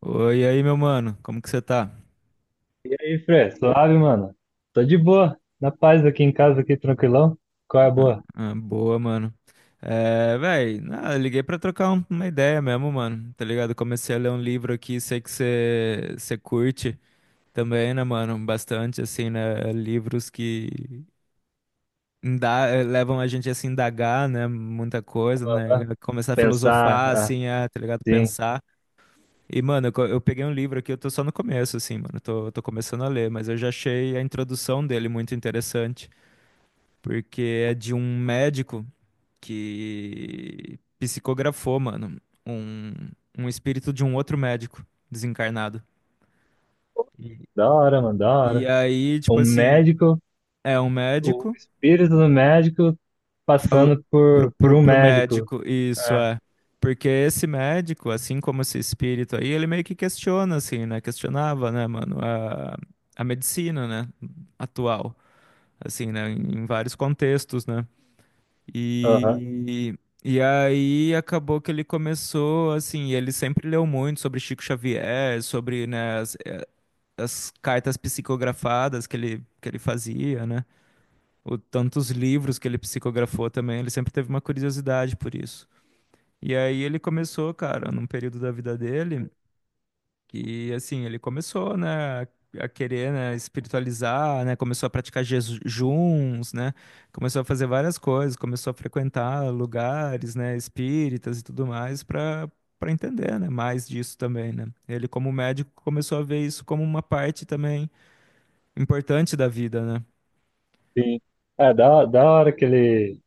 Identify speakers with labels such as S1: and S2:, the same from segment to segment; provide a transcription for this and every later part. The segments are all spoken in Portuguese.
S1: Oi, e aí, meu mano, como que você tá?
S2: E aí, Fê? Suave, mano? Tô de boa, na paz aqui em casa, aqui tranquilão. Qual é a boa?
S1: Boa, mano. É, véi, liguei pra trocar uma ideia mesmo, mano, tá ligado? Comecei a ler um livro aqui, sei que você curte também, né, mano? Bastante, assim, né? Livros que levam a gente a se indagar, né? Muita coisa, né? Começar a
S2: Pensar,
S1: filosofar,
S2: ah,
S1: assim, a, tá ligado?
S2: sim,
S1: Pensar. E, mano, eu peguei um livro aqui, eu tô só no começo, assim, mano, tô começando a ler, mas eu já achei a introdução dele muito interessante. Porque é de um médico que psicografou, mano, um, um espírito de um outro médico desencarnado. E-
S2: da hora, mano, da
S1: E
S2: hora.
S1: aí,
S2: O
S1: tipo assim,
S2: médico,
S1: é um
S2: o
S1: médico,
S2: espírito do médico
S1: falou
S2: passando por um
S1: pro
S2: médico.
S1: médico, isso
S2: É,
S1: é. Porque esse médico, assim como esse espírito aí, ele meio que questiona, assim, né? Questionava, né, mano, a medicina, né, atual, assim, né, em vários contextos, né?
S2: aham,
S1: E, e aí acabou que ele começou, assim, ele sempre leu muito sobre Chico Xavier, sobre, né, as cartas psicografadas que que ele fazia, né? O, tantos livros que ele psicografou também, ele sempre teve uma curiosidade por isso. E aí ele começou, cara, num período da vida dele que assim, ele começou, né, a querer, né, espiritualizar, né, começou a praticar jejuns, né, começou a fazer várias coisas, começou a frequentar lugares, né, espíritas e tudo mais para entender, né, mais disso também, né. Ele como médico começou a ver isso como uma parte também importante da vida, né.
S2: sim. É, da hora que ele.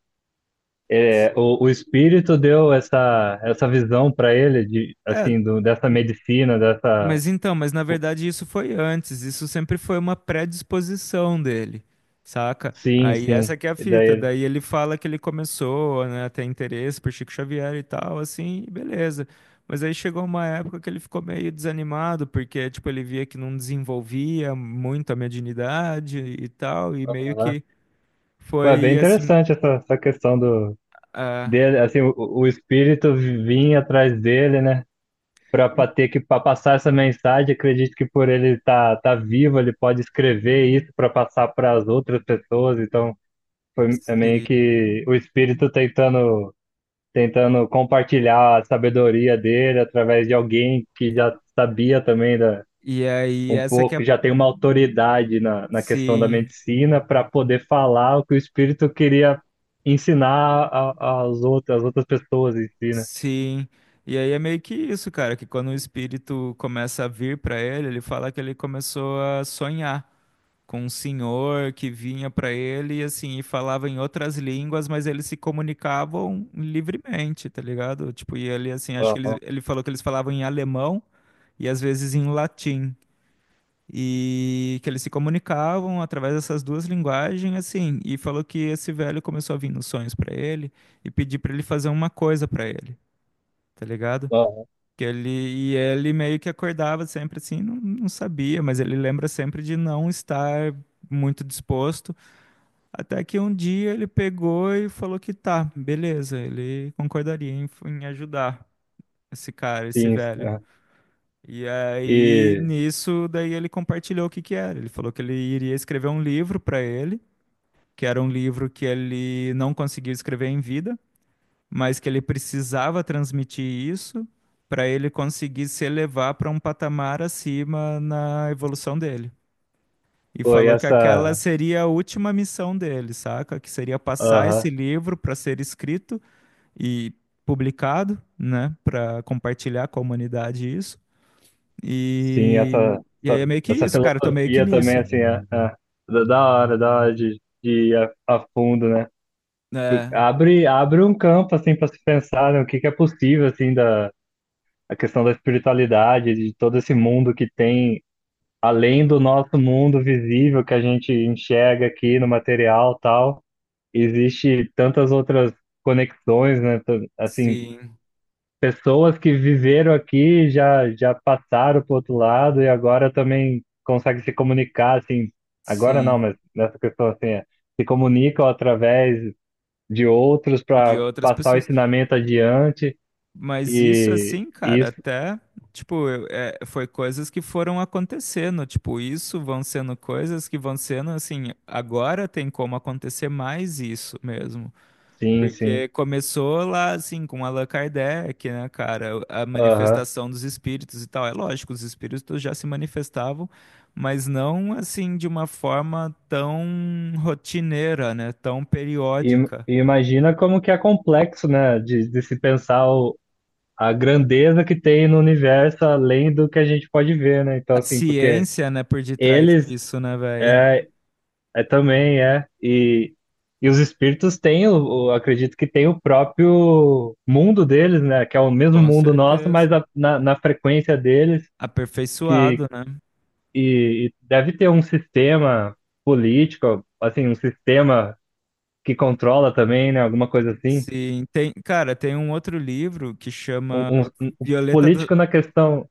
S2: É, o espírito deu essa, essa visão pra ele, de,
S1: É,
S2: assim, do, dessa medicina, dessa.
S1: mas então, mas na verdade isso foi antes, isso sempre foi uma predisposição dele, saca?
S2: Sim,
S1: Aí
S2: sim.
S1: essa que é a
S2: E daí
S1: fita,
S2: ele.
S1: daí ele fala que ele começou, né, a ter interesse por Chico Xavier e tal, assim, e beleza. Mas aí chegou uma época que ele ficou meio desanimado, porque, tipo, ele via que não desenvolvia muito a mediunidade e tal, e meio
S2: Aham.
S1: que
S2: Pô, é bem
S1: foi assim,
S2: interessante essa, essa questão do.
S1: ah,
S2: Dele, assim, o espírito vinha atrás dele, né? Para ter que pra passar essa mensagem, acredito que por ele estar tá, tá vivo, ele pode escrever isso para passar para as outras pessoas. Então, foi é meio
S1: sim.
S2: que o espírito tentando tentando compartilhar a sabedoria dele através de alguém que já sabia também da,
S1: E aí
S2: um
S1: essa que é,
S2: pouco, já tem uma autoridade na, na questão da
S1: sim.
S2: medicina para poder falar o que o espírito queria ensinar aos outros, às outras pessoas em si, né?
S1: Sim. E aí é meio que isso, cara, que quando o espírito começa a vir pra ele, ele fala que ele começou a sonhar com um senhor que vinha pra ele e assim, e falava em outras línguas, mas eles se comunicavam livremente, tá ligado? Tipo, e ele assim, acho que
S2: Aham,
S1: ele falou que eles falavam em alemão e às vezes em latim. E que eles se comunicavam através dessas duas linguagens, assim, e falou que esse velho começou a vir nos sonhos pra ele e pedir pra ele fazer uma coisa pra ele, tá ligado?
S2: aham,
S1: Que ele, e ele meio que acordava sempre assim, não sabia, mas ele lembra sempre de não estar muito disposto. Até que um dia ele pegou e falou que tá, beleza, ele concordaria em ajudar esse cara, esse
S2: sim,
S1: velho.
S2: aham.
S1: E aí
S2: E
S1: nisso, daí ele compartilhou o que que era. Ele falou que ele iria escrever um livro para ele, que era um livro que ele não conseguiu escrever em vida, mas que ele precisava transmitir isso para ele conseguir se elevar para um patamar acima na evolução dele. E
S2: foi
S1: falou que aquela
S2: essa,
S1: seria a última missão dele, saca? Que seria passar esse
S2: aham,
S1: livro para ser escrito e publicado, né, para compartilhar com a humanidade isso.
S2: sim, essa,
S1: E aí é
S2: essa,
S1: meio que
S2: essa
S1: isso, cara, eu tô meio que
S2: filosofia também,
S1: nisso.
S2: assim, é, é, da hora, da hora de ir a fundo, né?
S1: É,
S2: Abre, abre um campo, assim, para se pensar, né, o que que é possível, assim, da a questão da espiritualidade, de todo esse mundo que tem, além do nosso mundo visível que a gente enxerga aqui no material, e tal, existe tantas outras conexões, né? Assim,
S1: sim,
S2: pessoas que viveram aqui, já, já passaram para o outro lado e agora também conseguem se comunicar, assim, agora não,
S1: sim.
S2: mas nessa questão assim, é, se comunicam através de outros
S1: De
S2: para
S1: outras
S2: passar o
S1: pessoas.
S2: ensinamento adiante
S1: Mas isso
S2: e
S1: assim, cara,
S2: isso,
S1: até, tipo, foi coisas que foram acontecendo, tipo, isso vão sendo coisas que vão sendo assim, agora tem como acontecer mais isso mesmo.
S2: sim, sim,
S1: Porque começou lá, assim, com Allan Kardec, né, cara, a
S2: aham.
S1: manifestação dos espíritos e tal. É lógico, os espíritos já se manifestavam, mas não assim de uma forma tão rotineira, né, tão
S2: E,
S1: periódica.
S2: e imagina como que é complexo, né, de se pensar o, a grandeza que tem no universo além do que a gente pode ver, né, então
S1: A
S2: assim, porque
S1: ciência, né, por detrás
S2: eles,
S1: disso, né, velho?
S2: é, é também, é. E os espíritos têm, o, acredito que tem o próprio mundo deles, né? Que é o mesmo
S1: Com
S2: mundo nosso, mas
S1: certeza.
S2: na, na frequência deles, que
S1: Aperfeiçoado, né?
S2: e deve ter um sistema político, assim, um sistema que controla também, né? Alguma coisa assim.
S1: Sim, tem, cara, tem um outro livro que
S2: Um,
S1: chama
S2: um, um um
S1: Violeta da...
S2: político na questão.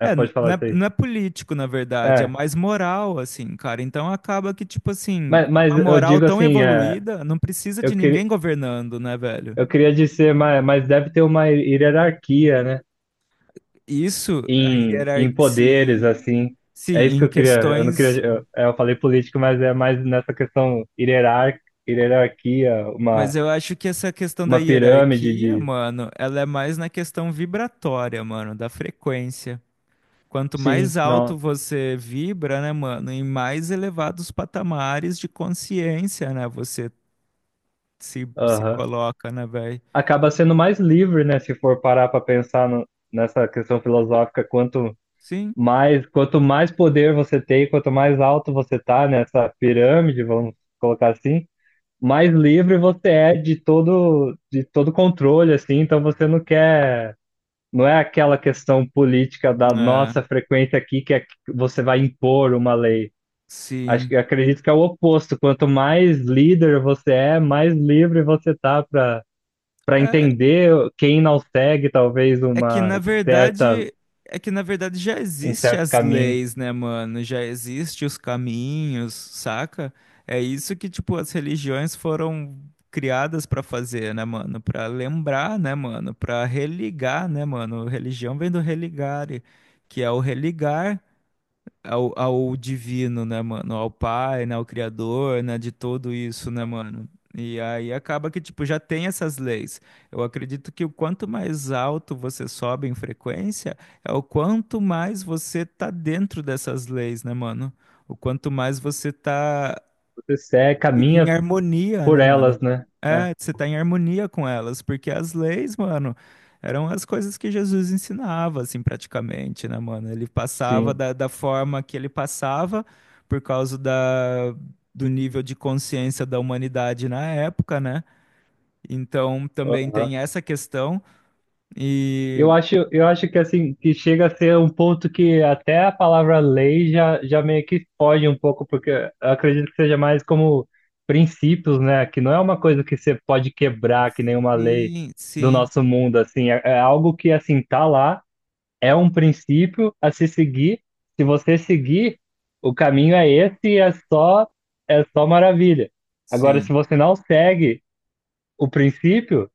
S2: É,
S1: É,
S2: pode
S1: não
S2: falar
S1: é,
S2: isso aí.
S1: não é político, na verdade, é
S2: É.
S1: mais moral, assim, cara. Então acaba que, tipo assim,
S2: Mas
S1: uma
S2: eu
S1: moral
S2: digo
S1: tão
S2: assim, é,
S1: evoluída não precisa
S2: eu,
S1: de
S2: queria
S1: ninguém governando, né, velho?
S2: eu queria dizer, mas deve ter uma hierarquia, né?
S1: Isso, a
S2: Em,
S1: hierarquia,
S2: em poderes,
S1: sim,
S2: assim.
S1: sim,
S2: É isso que
S1: em
S2: eu queria. Eu não
S1: questões.
S2: queria. Eu, é, eu falei político, mas é mais nessa questão hierarquia,
S1: Mas eu acho que essa questão da
S2: uma pirâmide
S1: hierarquia,
S2: de.
S1: mano, ela é mais na questão vibratória, mano, da frequência. Quanto mais
S2: Sim,
S1: alto
S2: não.
S1: você vibra, né, mano, em mais elevados patamares de consciência, né, você se
S2: Aham.
S1: coloca, né, velho?
S2: Acaba sendo mais livre, né? Se for parar para pensar nessa questão filosófica,
S1: Sim,
S2: quanto mais poder você tem, quanto mais alto você tá nessa pirâmide, vamos colocar assim, mais livre você é de todo controle, assim. Então você não quer. Não é aquela questão política da
S1: é,
S2: nossa frequência aqui que é que você vai impor uma lei. Acho
S1: sim.
S2: que acredito que é o oposto. Quanto mais líder você é, mais livre você tá para para
S1: É,
S2: entender quem não segue talvez
S1: é que
S2: uma
S1: na
S2: certa
S1: verdade, é que na verdade já
S2: um
S1: existe
S2: certo
S1: as
S2: caminho.
S1: leis, né, mano? Já existe os caminhos, saca? É isso que tipo as religiões foram criadas pra fazer, né, mano? Pra lembrar, né, mano? Pra religar, né, mano? Religião vem do religare, que é o religar, ao divino, né, mano? Ao pai, né? Ao criador, né? De tudo isso, né, mano? E aí acaba que, tipo, já tem essas leis. Eu acredito que o quanto mais alto você sobe em frequência, é o quanto mais você tá dentro dessas leis, né, mano? O quanto mais você tá.
S2: Você segue,
S1: E em
S2: caminha
S1: harmonia,
S2: por
S1: né, mano?
S2: elas, né? É,
S1: É, você tá em harmonia com elas, porque as leis, mano, eram as coisas que Jesus ensinava, assim, praticamente, né, mano? Ele passava
S2: sim.
S1: da forma que ele passava, por causa da, do nível de consciência da humanidade na época, né? Então, também
S2: Aham.
S1: tem essa questão, e...
S2: Eu acho que assim, que chega a ser um ponto que até a palavra lei já, já meio que foge um pouco, porque eu acredito que seja mais como princípios, né? Que não é uma coisa que você pode quebrar, que nenhuma lei
S1: e
S2: do
S1: sim,
S2: nosso mundo, assim, é, é algo que assim tá lá, é um princípio a se seguir. Se você seguir, o caminho é esse e é só maravilha. Agora,
S1: sim,
S2: se você não segue o princípio,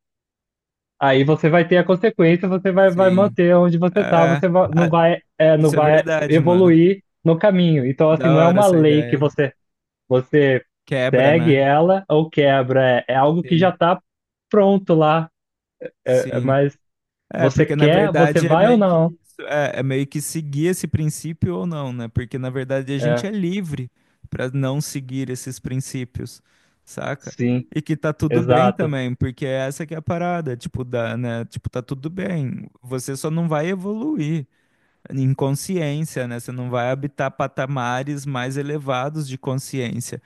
S2: aí você vai ter a consequência, você vai, vai
S1: sim.
S2: manter onde você tá,
S1: É,
S2: você
S1: ah,
S2: não vai, é, não
S1: isso é
S2: vai
S1: verdade, mano.
S2: evoluir no caminho. Então, assim,
S1: Da
S2: não é
S1: hora
S2: uma
S1: essa
S2: lei que
S1: ideia.
S2: você, você
S1: Quebra,
S2: segue
S1: né?
S2: ela ou quebra, é, é algo que já
S1: Sim.
S2: tá pronto lá, é, é,
S1: Sim.
S2: mas
S1: É,
S2: você
S1: porque na
S2: quer, você
S1: verdade é
S2: vai ou
S1: meio que
S2: não.
S1: isso, é, é meio que seguir esse princípio ou não, né? Porque na verdade a gente
S2: É,
S1: é livre para não seguir esses princípios, saca?
S2: sim,
S1: E que tá tudo bem
S2: exato,
S1: também, porque é essa que é a parada, tipo, da, né? Tipo, tá tudo bem. Você só não vai evoluir em consciência, né? Você não vai habitar patamares mais elevados de consciência,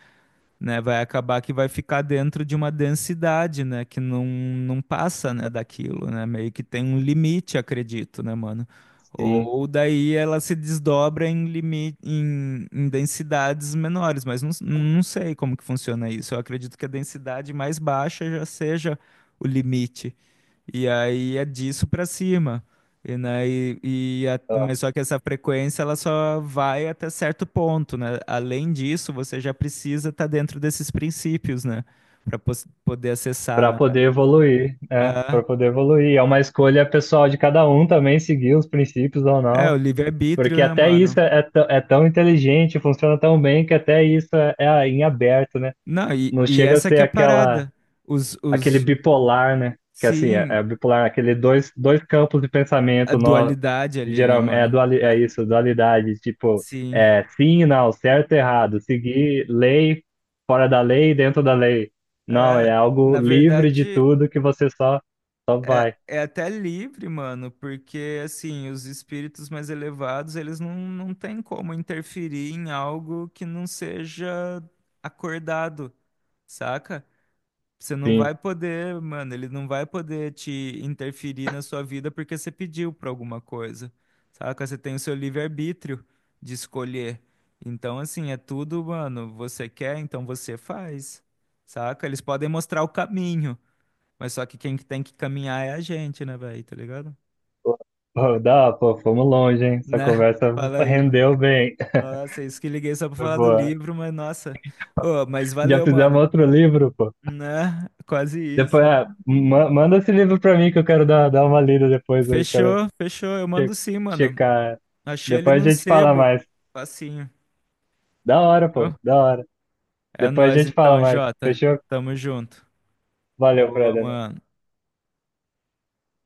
S1: né? Vai acabar que vai ficar dentro de uma densidade, né? Que não, não passa, né, daquilo, né? Meio que tem um limite, acredito, né, mano?
S2: sim,
S1: Ou daí ela se desdobra em limite, em densidades menores, mas não, não sei como que funciona isso. Eu acredito que a densidade mais baixa já seja o limite, e aí é disso pra cima. E, né, e a- mas só que essa frequência ela só vai até certo ponto, né? Além disso, você já precisa estar dentro desses princípios, né? Para poder acessar,
S2: para
S1: né,
S2: poder
S1: velho?
S2: evoluir, é, para
S1: Ah,
S2: poder evoluir. É uma escolha pessoal de cada um também, seguir os princípios ou
S1: é,
S2: não.
S1: o
S2: Porque
S1: livre-arbítrio, né,
S2: até isso
S1: mano?
S2: é, é tão inteligente, funciona tão bem que até isso é, é em aberto, né?
S1: Não,
S2: Não
S1: e
S2: chega a
S1: essa
S2: ser
S1: que é a
S2: aquela,
S1: parada. Os,
S2: aquele
S1: os,
S2: bipolar, né? Que assim, é,
S1: sim,
S2: é bipolar, aquele dois, dois campos de
S1: a
S2: pensamento, nó,
S1: dualidade ali, né,
S2: geralmente, é,
S1: mano?
S2: duali, é
S1: É,
S2: isso, dualidade, tipo,
S1: sim.
S2: é sim e não, certo e errado, seguir lei, fora da lei, dentro da lei. Não, é
S1: É,
S2: algo
S1: na
S2: livre de
S1: verdade.
S2: tudo que você só, só vai.
S1: É, é até livre, mano, porque assim, os espíritos mais elevados, eles não, não têm como interferir em algo que não seja acordado, saca? Você não
S2: Sim.
S1: vai poder, mano, ele não vai poder te interferir na sua vida porque você pediu pra alguma coisa, saca? Você tem o seu livre-arbítrio de escolher. Então, assim, é tudo, mano, você quer, então você faz, saca? Eles podem mostrar o caminho. Mas só que quem que tem que caminhar é a gente, né, velho? Tá ligado?
S2: Pô, dá, pô, fomos longe, hein? Essa
S1: Né?
S2: conversa
S1: Fala aí.
S2: rendeu bem.
S1: Nossa, é isso que liguei só pra
S2: Foi
S1: falar do
S2: boa.
S1: livro, mas nossa. Ô, mas
S2: Já
S1: valeu, mano.
S2: fizemos outro livro, pô.
S1: Né? Quase
S2: Depois,
S1: isso.
S2: ah, manda esse livro pra mim que eu quero dar, dar uma lida depois, eu quero
S1: Fechou, fechou. Eu mando
S2: che-
S1: sim, mano.
S2: checar.
S1: Achei ele
S2: Depois
S1: num
S2: a gente fala
S1: sebo.
S2: mais.
S1: Facinho.
S2: Da hora,
S1: Morou?
S2: pô, da hora.
S1: É
S2: Depois a
S1: nóis
S2: gente fala
S1: então,
S2: mais.
S1: Jota.
S2: Fechou?
S1: Tamo junto.
S2: Valeu,
S1: Boa,
S2: Freda.
S1: mano.